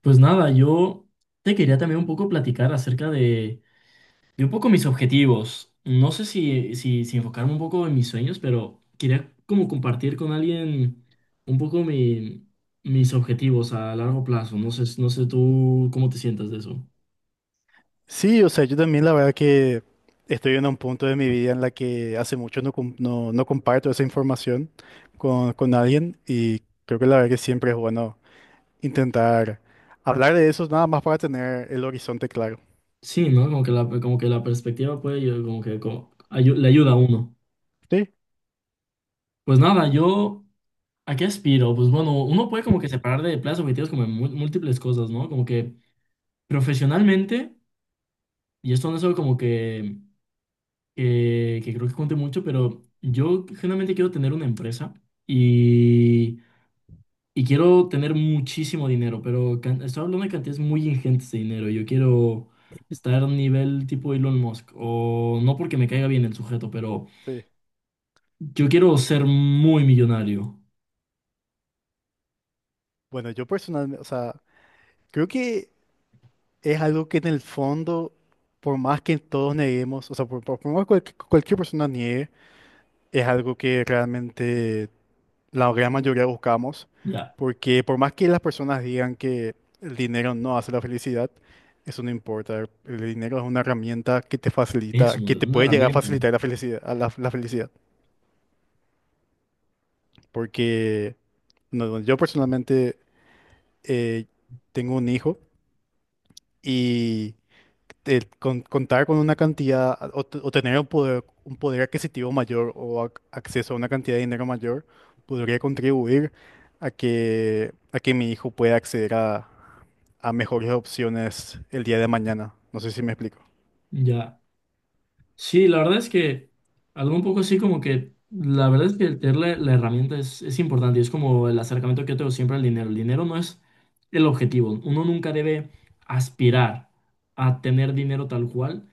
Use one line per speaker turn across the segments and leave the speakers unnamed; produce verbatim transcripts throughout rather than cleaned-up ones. Pues nada, yo te quería también un poco platicar acerca de, de un poco mis objetivos. No sé si, si, si enfocarme un poco en mis sueños, pero quería como compartir con alguien un poco mi- mis objetivos a largo plazo. No sé, no sé tú cómo te sientas de eso.
Sí, o sea, yo también la verdad que estoy en un punto de mi vida en la que hace mucho no, com- no, no comparto esa información con, con alguien y creo que la verdad que siempre es bueno intentar hablar de eso nada más para tener el horizonte claro.
Sí, ¿no? Como que la, como que la perspectiva puede, ayudar- como que como ayu- le ayuda a uno.
Sí,
Pues nada, yo, ¿a qué aspiro? Pues bueno, uno puede como que separar de planes objetivos como en mu- múltiples cosas, ¿no? Como que profesionalmente. Y esto no es algo como que, que, que creo que cuente mucho, pero yo generalmente quiero tener una empresa y, y quiero tener muchísimo dinero, pero can- estoy hablando de cantidades muy ingentes de dinero. Yo quiero estar a nivel tipo Elon Musk, o no porque me caiga bien el sujeto, pero
sí.
yo quiero ser muy millonario.
Bueno, yo personalmente, o sea, creo que es algo que en el fondo, por más que todos neguemos, o sea, por, por- por más que cualquier cualquier persona niegue, es algo que realmente la gran mayoría buscamos,
Ya,
porque por más que las personas digan que el dinero no hace la felicidad, eso no importa. El dinero es una herramienta que te facilita,
eso,
que te
una
puede llegar a
herramienta.
facilitar la felicidad, a la, la felicidad. Porque no, yo personalmente eh, tengo un hijo y eh, con- contar con una cantidad o, t- o tener un poder, un poder adquisitivo mayor o ac- acceso a una cantidad de dinero mayor podría contribuir a que, a que mi hijo pueda acceder a, a mejores opciones el día de mañana. No sé si me explico.
Ya. Sí, la verdad es que algo un poco así como que, la verdad es que el tener la, la herramienta es, es importante y es como el acercamiento que yo tengo siempre al dinero. El dinero no es el objetivo. Uno nunca debe aspirar a tener dinero tal cual,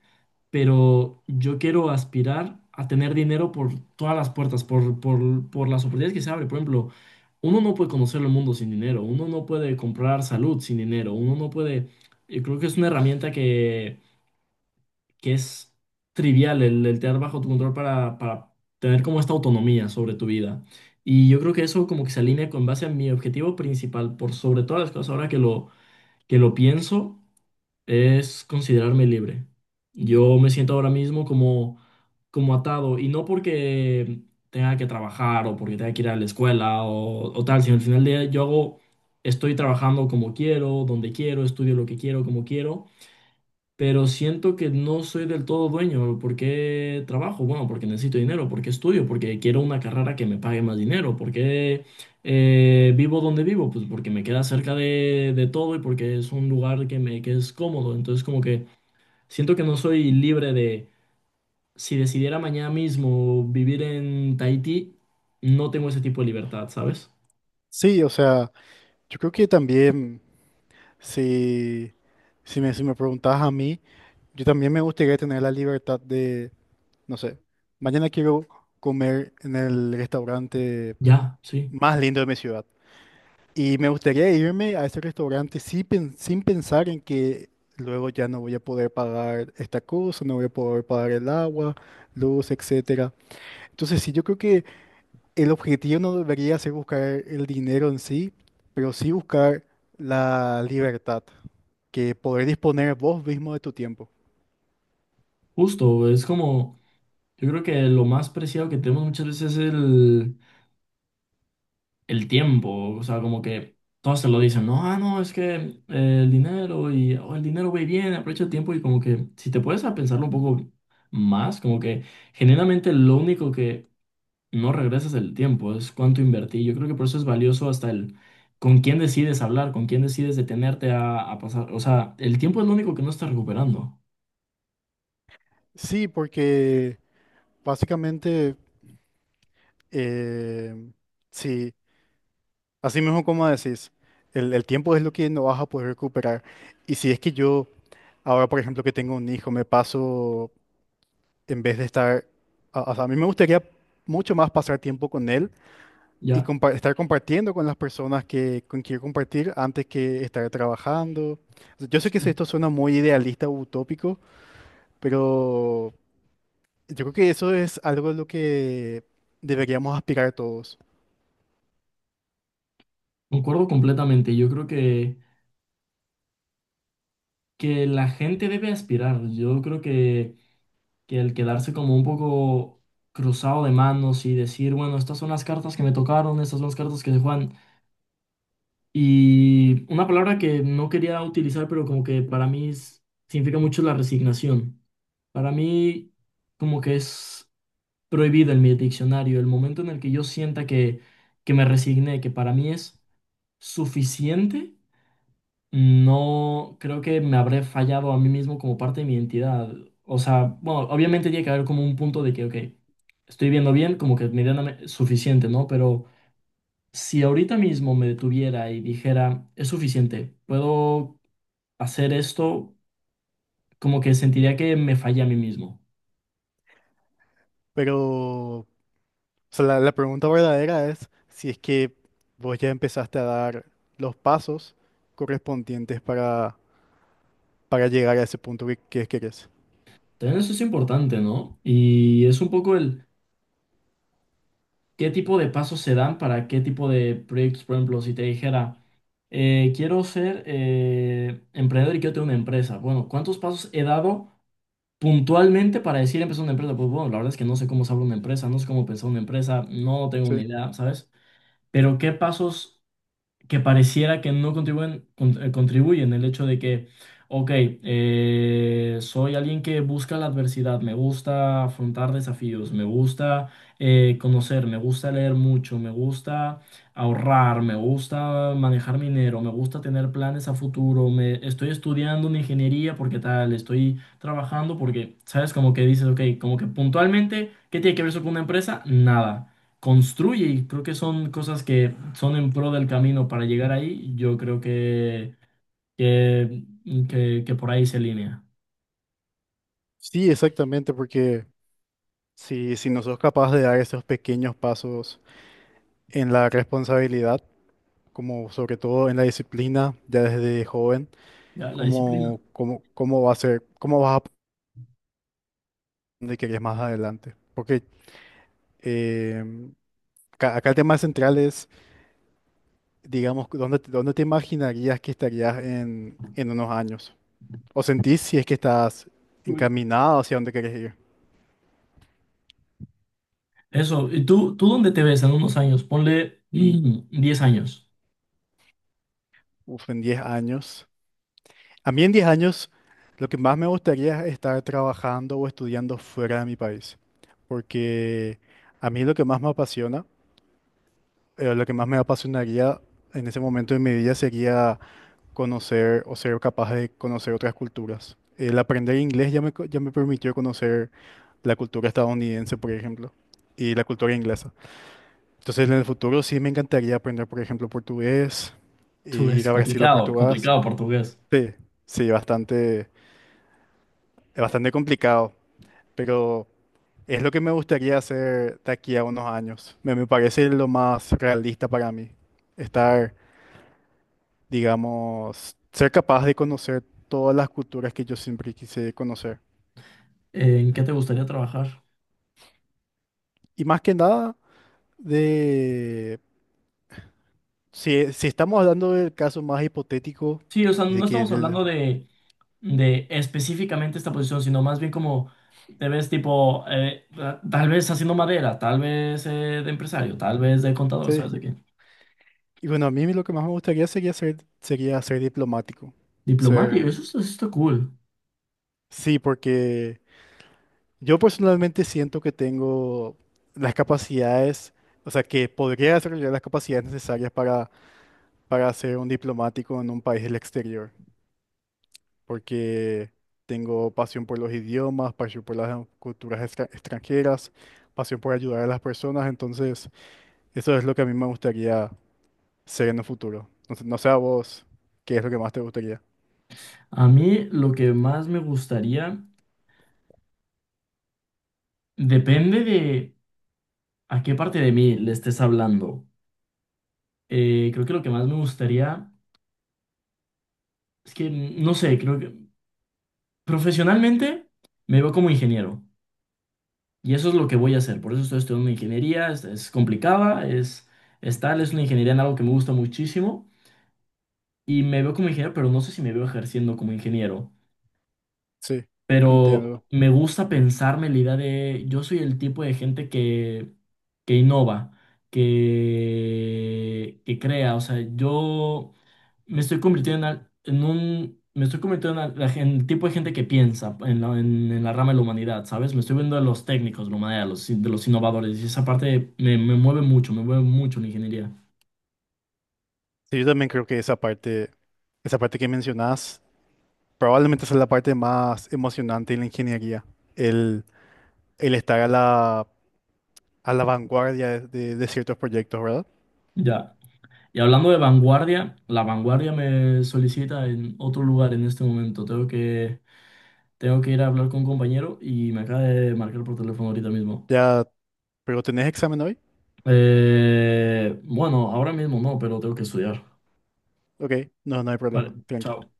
pero yo quiero aspirar a tener dinero por todas las puertas, por, por, por las oportunidades que se abren. Por ejemplo, uno no puede conocer el mundo sin dinero, uno no puede comprar salud sin dinero, uno no puede… Yo creo que es una herramienta que es trivial el, el tener bajo tu control para, para tener como esta autonomía sobre tu vida. Y yo creo que eso como que se alinea con base a mi objetivo principal, por sobre todas las cosas, ahora que lo, que lo pienso, es considerarme libre. Yo me siento ahora mismo como, como atado, y no porque tenga que trabajar o porque tenga que ir a la escuela o, o tal, sino al final del día yo hago, estoy trabajando como quiero, donde quiero, estudio lo que quiero, como quiero, pero siento que no soy del todo dueño. ¿Por qué trabajo? Bueno, porque necesito dinero, porque estudio, porque quiero una carrera que me pague más dinero, porque eh, vivo donde vivo, pues porque me queda cerca de, de todo y porque es un lugar que me que es cómodo. Entonces, como que siento que no soy libre de, si decidiera mañana mismo vivir en Tahití, no tengo ese tipo de libertad, ¿sabes?
Sí, o sea, yo creo que también si, si me, si me preguntas a mí, yo también me gustaría tener la libertad de, no sé, mañana quiero comer en el restaurante
Ya, sí,
más lindo de mi ciudad. Y me gustaría irme a ese restaurante sí pen- sin pensar en que luego ya no voy a poder pagar esta cosa, no voy a poder pagar el agua, luz, etcétera. Entonces sí, yo creo que el objetivo no debería ser buscar el dinero en sí, pero sí buscar la libertad, que poder disponer vos mismo de tu tiempo.
justo, es como, yo creo que lo más preciado que tenemos muchas veces es el el tiempo, o sea, como que todos se lo dicen, no, ah, no, es que eh, el dinero y oh, el dinero va y viene, aprovecha el tiempo y como que si te puedes a pensarlo un poco más, como que generalmente lo único que no regresa es el tiempo, es cuánto invertí. Yo creo que por eso es valioso hasta el con quién decides hablar, con quién decides detenerte a, a pasar, o sea, el tiempo es lo único que no estás recuperando,
Sí, porque básicamente, eh, sí, así mismo como decís, el, el tiempo es lo que no vas a poder recuperar. Y si es que yo ahora, por ejemplo, que tengo un hijo, me paso, en vez de estar, a- o sea, a mí me gustaría mucho más pasar tiempo con él y
ya.
compa- estar compartiendo con las personas que con quiero compartir antes que estar trabajando. O sea, yo sé que
Sí.
esto suena muy idealista o utópico, pero yo creo que eso es algo de lo que deberíamos aspirar todos.
Concuerdo completamente, yo creo que, que la gente debe aspirar, yo creo que… que el quedarse como un poco cruzado de manos y decir, bueno, estas son las cartas que me tocaron, estas son las cartas que se juegan. Y una palabra que no quería utilizar, pero como que para mí es- significa mucho la resignación. Para mí como que es prohibida en mi diccionario el momento en el que yo sienta que, que me resigné, que para mí es suficiente no creo que me habré fallado a mí mismo como parte de mi identidad. O sea, bueno, obviamente tiene que haber como un punto de que, ok, estoy viendo bien, como que medianamente suficiente, ¿no? Pero si ahorita mismo me detuviera y dijera, es suficiente, puedo hacer esto, como que sentiría que me fallé a mí mismo.
Pero, o sea, la, la pregunta verdadera es si es que vos ya empezaste a dar los pasos correspondientes para para llegar a ese punto que, que querés.
También eso es importante, ¿no? Y es un poco el qué tipo de pasos se dan para qué tipo de proyectos. Por ejemplo, si te dijera, eh, quiero ser eh, emprendedor y quiero tener una empresa. Bueno, ¿cuántos pasos he dado puntualmente para decir empezar una empresa? Pues bueno, la verdad es que no sé cómo se abre una empresa, no sé cómo pensar una empresa, no tengo
Sí.
ni idea, ¿sabes? Pero ¿qué pasos? Que pareciera que no contribuyen, con- eh, contribuyen el hecho de que, ok, eh, soy alguien que busca la adversidad, me gusta afrontar desafíos, me gusta eh, conocer, me gusta leer mucho, me gusta ahorrar, me gusta manejar mi dinero, me gusta tener planes a futuro, me estoy estudiando una ingeniería porque tal, estoy trabajando porque, ¿sabes? Como que dices, ok, como que puntualmente, ¿qué tiene que ver eso con una empresa? Nada construye y creo que son cosas que son en pro del camino para llegar ahí. Yo creo que, que, que, que por ahí se alinea
Sí, exactamente, porque si, si no sos capaz de dar esos pequeños pasos en la responsabilidad, como sobre todo en la disciplina, ya desde joven,
ya, la disciplina.
¿cómo, cómo, cómo va a ser, cómo vas a donde querés más adelante? Porque em, ca- acá el tema central es, digamos, ¿dónde, te- dónde te imaginarías que estarías en, en unos años? ¿O sentís si es que estás
Uy.
encaminado hacia donde querés ir?
Eso, ¿y tú, tú dónde te ves en unos años? Ponle mm, diez años.
Uf, en diez años. A mí en diez años lo que más me gustaría es estar trabajando o estudiando fuera de mi país, porque a mí lo que más me apasiona, eh, lo que más me apasionaría en ese momento de mi vida sería conocer o ser capaz de conocer otras culturas. El aprender inglés ya me, co- ya me permitió conocer la cultura estadounidense, por ejemplo, y la cultura inglesa. Entonces en el futuro sí me encantaría aprender, por ejemplo, portugués, e
Tú
ir
es
a Brasil o
complicado. Complicado,
Portugal.
complicado portugués.
Sí, sí, bastante. Es bastante complicado, pero es lo que me gustaría hacer de aquí a unos años. Me, me parece lo más realista para mí. Estar, digamos, ser capaz de conocer todas las culturas que yo siempre quise conocer.
¿En qué te gustaría trabajar?
Y más que nada, de si, si estamos hablando del caso más hipotético,
Sí, o sea, no
de que
estamos
del-
hablando de, de específicamente esta posición, sino más bien como te ves tipo, eh, ta- tal vez haciendo madera, tal vez eh, de empresario, tal vez de contador,
sí.
¿sabes de qué?
Y bueno, a mí lo que más me gustaría sería ser, sería ser diplomático.
Diplomático,
Ser,
eso está, eso está cool.
sí, porque yo personalmente siento que tengo las capacidades, o sea, que podría desarrollar las capacidades necesarias para, para ser un diplomático en un país del exterior, porque tengo pasión por los idiomas, pasión por las culturas extra- extranjeras, pasión por ayudar a las personas, entonces eso es lo que a mí me gustaría ser en el futuro. Entonces, no sé a vos, ¿qué es lo que más te gustaría?
A mí lo que más me gustaría depende de a qué parte de mí le estés hablando. Eh, creo que lo que más me gustaría es que, no sé, creo que profesionalmente me veo como ingeniero y eso es lo que voy a hacer. Por eso estoy estudiando ingeniería, es, es complicada, es, es tal, es una ingeniería en algo que me gusta muchísimo y me veo como ingeniero, pero no sé si me veo ejerciendo como ingeniero.
Sí,
Pero
entiendo.
me gusta pensarme la idea de yo soy el tipo de gente que, que innova, que, que crea, o sea, yo me estoy convirtiendo en, al- en un, me estoy convirtiendo en, al- la gen- el tipo de gente que piensa en la, en- en la rama de la humanidad, ¿sabes? Me estoy viendo de los técnicos, de la humanidad, los in- de los innovadores, y esa parte me, me mueve mucho, me mueve mucho la ingeniería.
Sí, yo también creo que esa parte, esa parte que mencionás probablemente esa es la parte más emocionante de la ingeniería, el, el estar a la, a la vanguardia de, de- de ciertos proyectos, ¿verdad?
Ya. Y hablando de vanguardia, la vanguardia me solicita en otro lugar en este momento. Tengo que Tengo que ir a hablar con un compañero y me acaba de marcar por teléfono ahorita mismo.
Ya, pero ¿tenés examen hoy?
Eh, bueno, ahora mismo no, pero tengo que estudiar.
Ok, no, no hay
Vale,
problema, tranqui.
chao.